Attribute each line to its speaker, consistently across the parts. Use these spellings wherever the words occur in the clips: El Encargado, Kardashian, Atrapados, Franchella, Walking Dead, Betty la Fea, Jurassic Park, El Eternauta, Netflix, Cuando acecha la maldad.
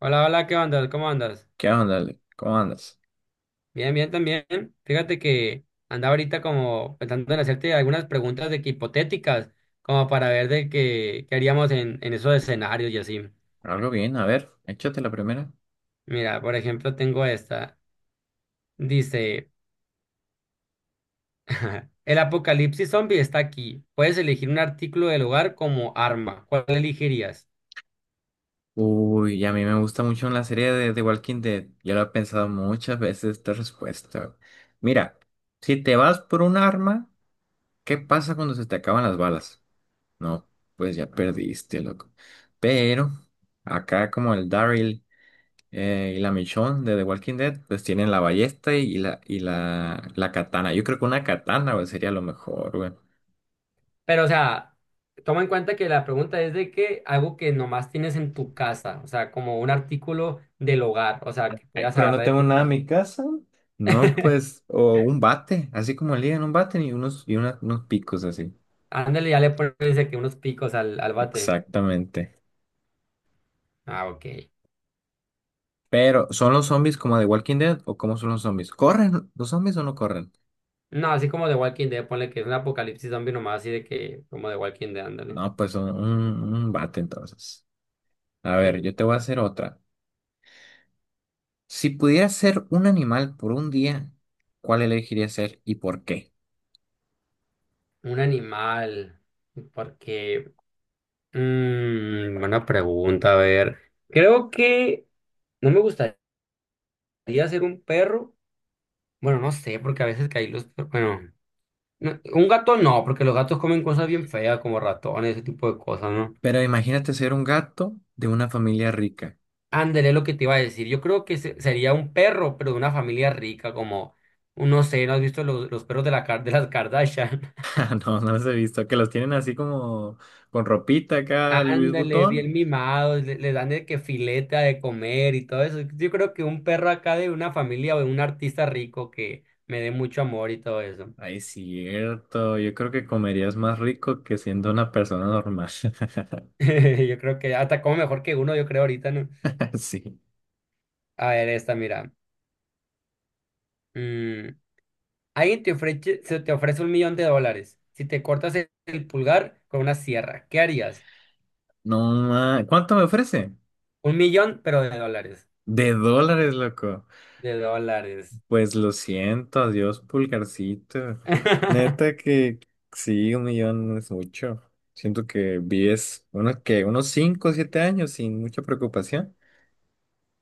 Speaker 1: Hola, hola, ¿qué andas? ¿Cómo andas?
Speaker 2: ¿Qué onda, Ale? ¿Cómo andas?
Speaker 1: Bien, bien también. Fíjate que andaba ahorita como pensando en hacerte algunas preguntas de que hipotéticas, como para ver qué haríamos en esos escenarios y así.
Speaker 2: Algo bien, a ver, échate la primera.
Speaker 1: Mira, por ejemplo, tengo esta. Dice, el apocalipsis zombie está aquí. Puedes elegir un artículo del hogar como arma. ¿Cuál elegirías?
Speaker 2: Uy, a mí me gusta mucho la serie de The Walking Dead. Yo lo he pensado muchas veces esta respuesta. Mira, si te vas por un arma, ¿qué pasa cuando se te acaban las balas? No, pues ya perdiste, loco. Pero acá como el Daryl y la Michonne de The Walking Dead, pues tienen la ballesta y la katana. Yo creo que una katana, güey, sería lo mejor, güey.
Speaker 1: Pero, o sea, toma en cuenta que la pregunta es de que algo que nomás tienes en tu casa, o sea, como un artículo del hogar, o sea, que
Speaker 2: Ay,
Speaker 1: puedas
Speaker 2: pero no
Speaker 1: agarrar de
Speaker 2: tengo
Speaker 1: tu
Speaker 2: nada en
Speaker 1: casa.
Speaker 2: mi casa. No, pues, o un bate, así como ligan un bate y unos picos así.
Speaker 1: Ándale, ya le pones dice que unos picos al bate.
Speaker 2: Exactamente.
Speaker 1: Ah, ok.
Speaker 2: Pero, ¿son los zombies como de Walking Dead o cómo son los zombies? ¿Corren los zombies o no corren?
Speaker 1: No, así como de Walking Dead, ponle que es un apocalipsis zombie nomás, así de que, como de Walking Dead, ándale.
Speaker 2: No, pues son un bate entonces. A ver, yo
Speaker 1: Sí.
Speaker 2: te voy a hacer otra. Si pudieras ser un animal por un día, ¿cuál elegirías ser y por qué?
Speaker 1: Un animal. Porque, buena pregunta, a ver. Creo que no me gustaría ser un perro. Bueno, no sé, porque a veces caí los. Bueno, no, un gato no, porque los gatos comen cosas bien feas, como ratones, ese tipo de cosas, ¿no?
Speaker 2: Pero imagínate ser un gato de una familia rica.
Speaker 1: Ándale, es lo que te iba a decir. Yo creo que sería un perro, pero de una familia rica, como, no sé, ¿no has visto los perros de, la, de las Kardashian?
Speaker 2: No, no los he visto. Que los tienen así como con ropita acá, Luis
Speaker 1: Ándale,
Speaker 2: Butón.
Speaker 1: bien mimados, le dan de que fileta de comer y todo eso. Yo creo que un perro acá de una familia o de un artista rico que me dé mucho amor y todo eso.
Speaker 2: Ay, cierto. Yo creo que comerías más rico que siendo una persona normal.
Speaker 1: Yo creo que hasta como mejor que uno, yo creo ahorita, ¿no?
Speaker 2: Sí.
Speaker 1: A ver, esta, mira. Mm, alguien te ofrece, se te ofrece 1,000,000 de dólares si te cortas el pulgar con una sierra. ¿Qué harías?
Speaker 2: No, ¿Cuánto me ofrece?
Speaker 1: Un millón, pero de dólares.
Speaker 2: De dólares, loco.
Speaker 1: De dólares.
Speaker 2: Pues lo siento, adiós, pulgarcito. Neta que sí, un millón no es mucho. Siento que vives unos 5 o 7 años sin mucha preocupación.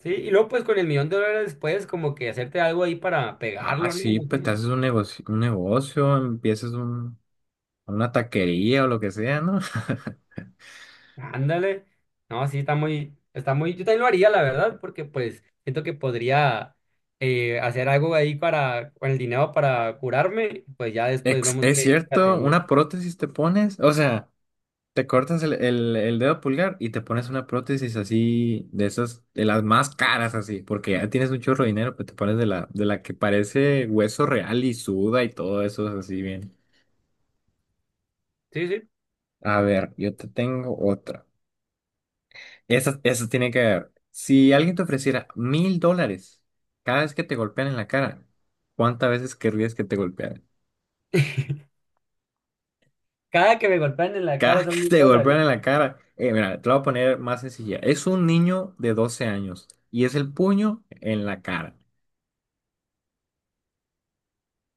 Speaker 1: Sí, y luego pues con el millón de dólares puedes como que hacerte algo ahí para
Speaker 2: Ah,
Speaker 1: pegarlo, ¿no?
Speaker 2: sí,
Speaker 1: No
Speaker 2: pues te
Speaker 1: sé.
Speaker 2: haces un negocio, empiezas una taquería o lo que sea, ¿no?
Speaker 1: Ándale. No, sí, está muy, yo también lo haría, la verdad, porque pues siento que podría hacer algo ahí para, con el dinero para curarme, pues ya después
Speaker 2: Ex-
Speaker 1: vemos
Speaker 2: Es,
Speaker 1: qué
Speaker 2: cierto,
Speaker 1: hacemos.
Speaker 2: una prótesis te pones, o sea, te cortas el dedo pulgar y te pones una prótesis así, de esas, de las más caras así, porque ya tienes un chorro de dinero, pues te pones de la que parece hueso real y suda y todo eso así bien.
Speaker 1: Sí, sí.
Speaker 2: A ver, yo te tengo otra. Esa tiene que ver. Si alguien te ofreciera $1,000 cada vez que te golpean en la cara, ¿cuántas veces querrías que te golpearan?
Speaker 1: Cada que me golpean en la cara
Speaker 2: Cada que
Speaker 1: son mil
Speaker 2: te golpean
Speaker 1: dólares.
Speaker 2: en la cara. Mira, te lo voy a poner más sencilla. Es un niño de 12 años y es el puño en la cara.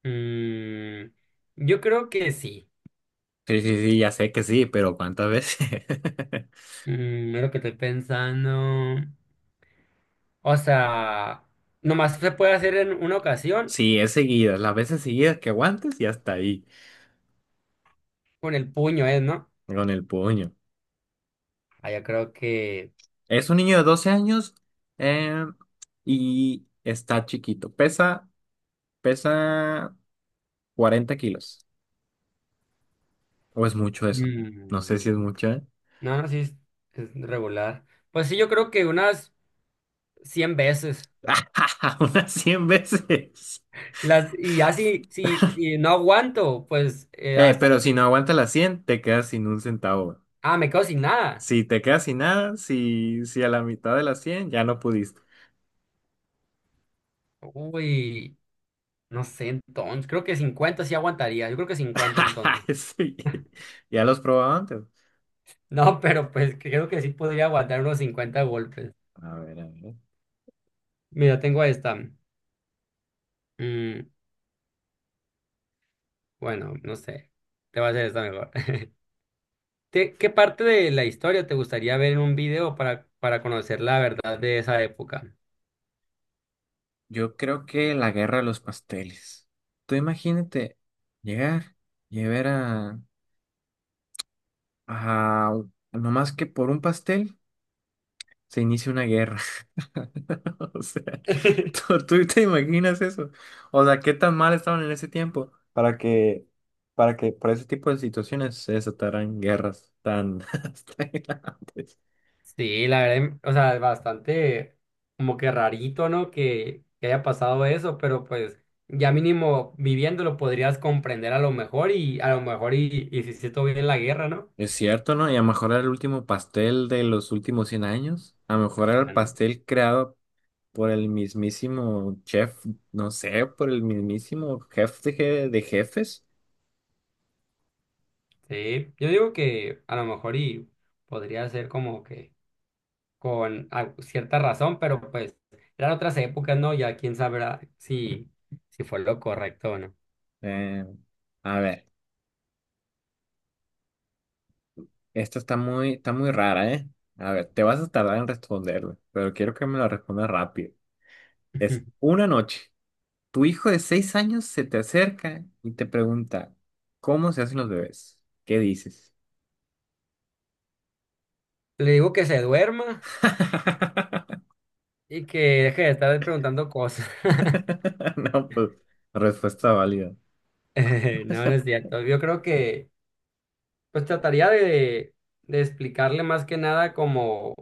Speaker 1: Mm, yo creo que sí.
Speaker 2: Sí, sí, sí, ya sé que sí, pero ¿cuántas veces?
Speaker 1: Es lo que estoy pensando. O sea, nomás se puede hacer en una ocasión
Speaker 2: Sí, es seguidas. Las veces seguidas que aguantes y hasta ahí,
Speaker 1: con el puño, ¿eh? ¿No?
Speaker 2: con el puño.
Speaker 1: Ah, yo creo que…
Speaker 2: Es un niño de 12 años eh, y está chiquito. Pesa, pesa 40 kilos. ¿O es mucho eso? No sé si es
Speaker 1: mm,
Speaker 2: mucho, ¿eh?
Speaker 1: no, no, sí, es regular. Pues sí, yo creo que unas 100 veces.
Speaker 2: Unas 100 veces.
Speaker 1: Las, y ya si no aguanto, pues hasta…
Speaker 2: Pero si no aguantas las 100, te quedas sin un centavo.
Speaker 1: Ah, me quedo sin nada.
Speaker 2: Si te quedas sin nada, si a la mitad de las 100 ya no pudiste.
Speaker 1: Uy, no sé, entonces, creo que 50 sí aguantaría. Yo creo que 50 entonces.
Speaker 2: Sí, ya los probaba antes.
Speaker 1: No, pero pues creo que sí podría aguantar unos 50 golpes.
Speaker 2: A ver, a ver.
Speaker 1: Mira, tengo esta. Mm, Bueno, no sé. Te va a hacer esta mejor. ¿Qué parte de la historia te gustaría ver en un video para conocer la verdad de esa época?
Speaker 2: Yo creo que la guerra de los pasteles. Tú imagínate llegar y ver a nomás que por un pastel se inicia una guerra. O sea, ¿tú, tú te imaginas eso? O sea, ¿qué tan mal estaban en ese tiempo para que por ese tipo de situaciones se desataran guerras tan, tan grandes?
Speaker 1: Sí, la verdad, o sea, es bastante como que rarito, ¿no? Que haya pasado eso, pero pues ya mínimo viviéndolo podrías comprender a lo mejor y si se estuvo bien la guerra, ¿no?
Speaker 2: Es cierto, ¿no? Y a lo mejor era el último pastel de los últimos 100 años. A lo mejor era el
Speaker 1: Mm,
Speaker 2: pastel creado por el mismísimo chef, no sé, por el mismísimo jefe de jefes.
Speaker 1: Sí, yo digo que a lo mejor y podría ser como que con cierta razón, pero pues eran otras épocas, ¿no? Ya quién sabrá si fue lo correcto o no.
Speaker 2: Eh, a ver. Esta está muy rara, ¿eh? A ver, te vas a tardar en responderla, pero quiero que me la respondas rápido. Es
Speaker 1: Ujú.
Speaker 2: una noche. Tu hijo de 6 años se te acerca y te pregunta, ¿cómo se hacen los bebés? ¿Qué dices?
Speaker 1: Le digo que se duerma y que deje de estar preguntando cosas.
Speaker 2: No, pues, respuesta válida.
Speaker 1: No, no es cierto. Yo creo que pues trataría de explicarle más que nada como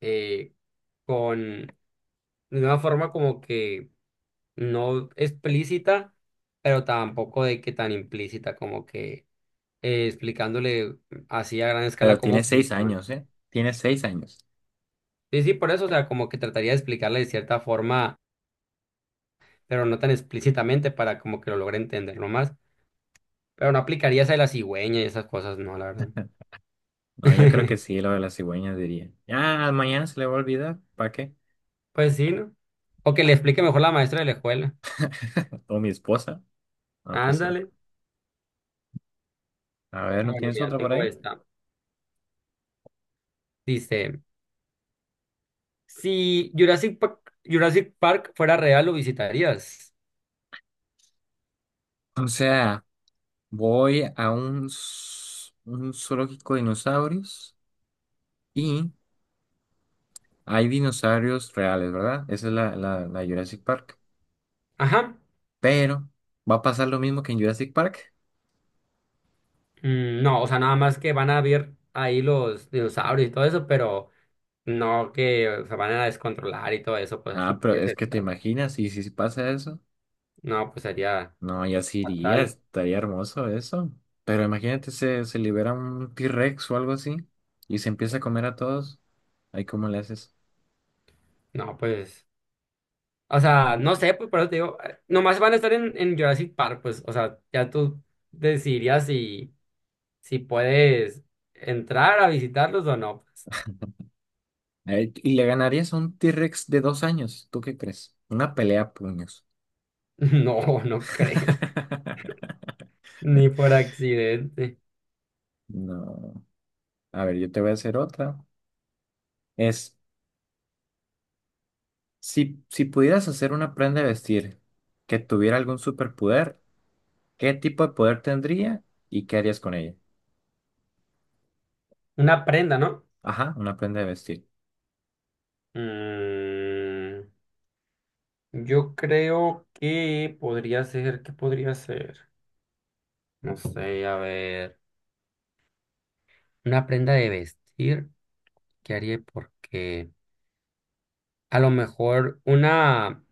Speaker 1: eh, con de una forma como que no explícita, pero tampoco de que tan implícita como que explicándole así a gran
Speaker 2: Pero
Speaker 1: escala cómo
Speaker 2: tiene seis
Speaker 1: funciona.
Speaker 2: años, ¿eh? Tiene 6 años.
Speaker 1: Sí, sí, por eso, o sea, como que trataría de explicarle de cierta forma, pero no tan explícitamente para como que lo logre entender nomás. Pero no aplicaría esa de la cigüeña y esas cosas, no, la verdad.
Speaker 2: No, yo creo que sí, lo de las cigüeñas diría. Ya, mañana se le va a olvidar. ¿Para qué?
Speaker 1: Pues sí, ¿no? O que le explique mejor la maestra de la escuela.
Speaker 2: O mi esposa. Ah, pues sí.
Speaker 1: Ándale.
Speaker 2: A ver, ¿no
Speaker 1: Bueno,
Speaker 2: tienes
Speaker 1: mira,
Speaker 2: otra por
Speaker 1: tengo
Speaker 2: ahí?
Speaker 1: esta. Dice, si Jurassic Park fuera real, ¿lo visitarías?
Speaker 2: O sea. Voy a un zoológico de dinosaurios y hay dinosaurios reales, ¿verdad? Esa es la Jurassic Park.
Speaker 1: Ajá.
Speaker 2: Pero, ¿va a pasar lo mismo que en Jurassic Park?
Speaker 1: No, o sea, nada más que van a ver ahí los dinosaurios y todo eso, pero… No, que se van a descontrolar y todo eso, pues así
Speaker 2: Ah, pero
Speaker 1: puede
Speaker 2: es
Speaker 1: ser,
Speaker 2: que te
Speaker 1: claro.
Speaker 2: imaginas, y si pasa eso,
Speaker 1: No, pues sería
Speaker 2: no, ya se iría,
Speaker 1: fatal.
Speaker 2: estaría hermoso eso. Pero imagínate, se libera un T-Rex o algo así y se empieza a comer a todos. Ahí, ¿cómo le haces?
Speaker 1: No, pues, o sea, no sé, pues por eso te digo, nomás van a estar en Jurassic Park, pues, o sea, ya tú decidirías si, si puedes entrar a visitarlos o no, pues.
Speaker 2: Ay, y le ganarías a un T-Rex de 2 años, ¿tú qué crees? Una pelea a puños.
Speaker 1: No, no creo, ni por accidente.
Speaker 2: No. A ver, yo te voy a hacer otra. Es, si, si pudieras hacer una prenda de vestir que tuviera algún superpoder, ¿qué tipo de poder tendría y qué harías con ella?
Speaker 1: Una prenda, ¿no?
Speaker 2: Ajá, una prenda de vestir.
Speaker 1: Mm, yo creo que podría ser, ¿qué podría ser? No sé, a ver. Una prenda de vestir, ¿qué haría? Porque a lo mejor una,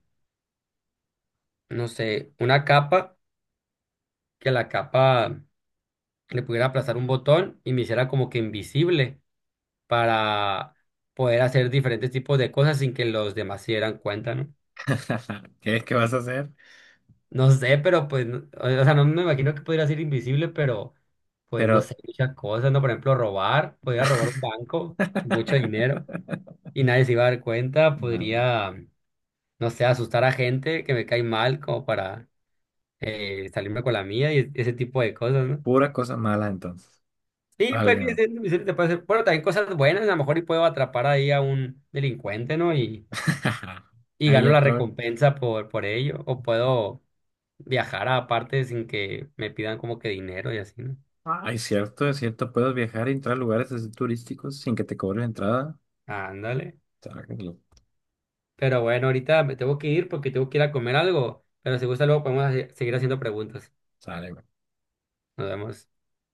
Speaker 1: no sé, una capa, que la capa le pudiera aplazar un botón y me hiciera como que invisible para poder hacer diferentes tipos de cosas sin que los demás se dieran cuenta, ¿no?
Speaker 2: ¿Qué vas a hacer?
Speaker 1: No sé, pero pues, o sea, no me imagino que pudiera ser invisible, pero pues no
Speaker 2: Pero...
Speaker 1: sé, muchas cosas, ¿no? Por ejemplo, robar, podría robar un banco, mucho dinero y nadie se iba a dar cuenta,
Speaker 2: Ah,
Speaker 1: podría… no sé, asustar a gente que me cae mal como para salirme con la mía y ese tipo de cosas, ¿no?
Speaker 2: pura cosa mala entonces.
Speaker 1: Sí, pues sí,
Speaker 2: Alguien.
Speaker 1: sí, sí, sí, bueno, también cosas buenas, a lo mejor y puedo atrapar ahí a un delincuente, ¿no? Y
Speaker 2: Ahí
Speaker 1: gano la
Speaker 2: otro.
Speaker 1: recompensa por ello, o puedo viajar a partes sin que me pidan como que dinero y así, ¿no?
Speaker 2: Ay, cierto, es cierto. Puedes viajar y entrar a lugares así turísticos sin que te cobren entrada.
Speaker 1: Ándale.
Speaker 2: Sácalo.
Speaker 1: Pero bueno, ahorita me tengo que ir porque tengo que ir a comer algo, pero si gusta luego podemos seguir haciendo preguntas.
Speaker 2: Sale,
Speaker 1: Nos vemos.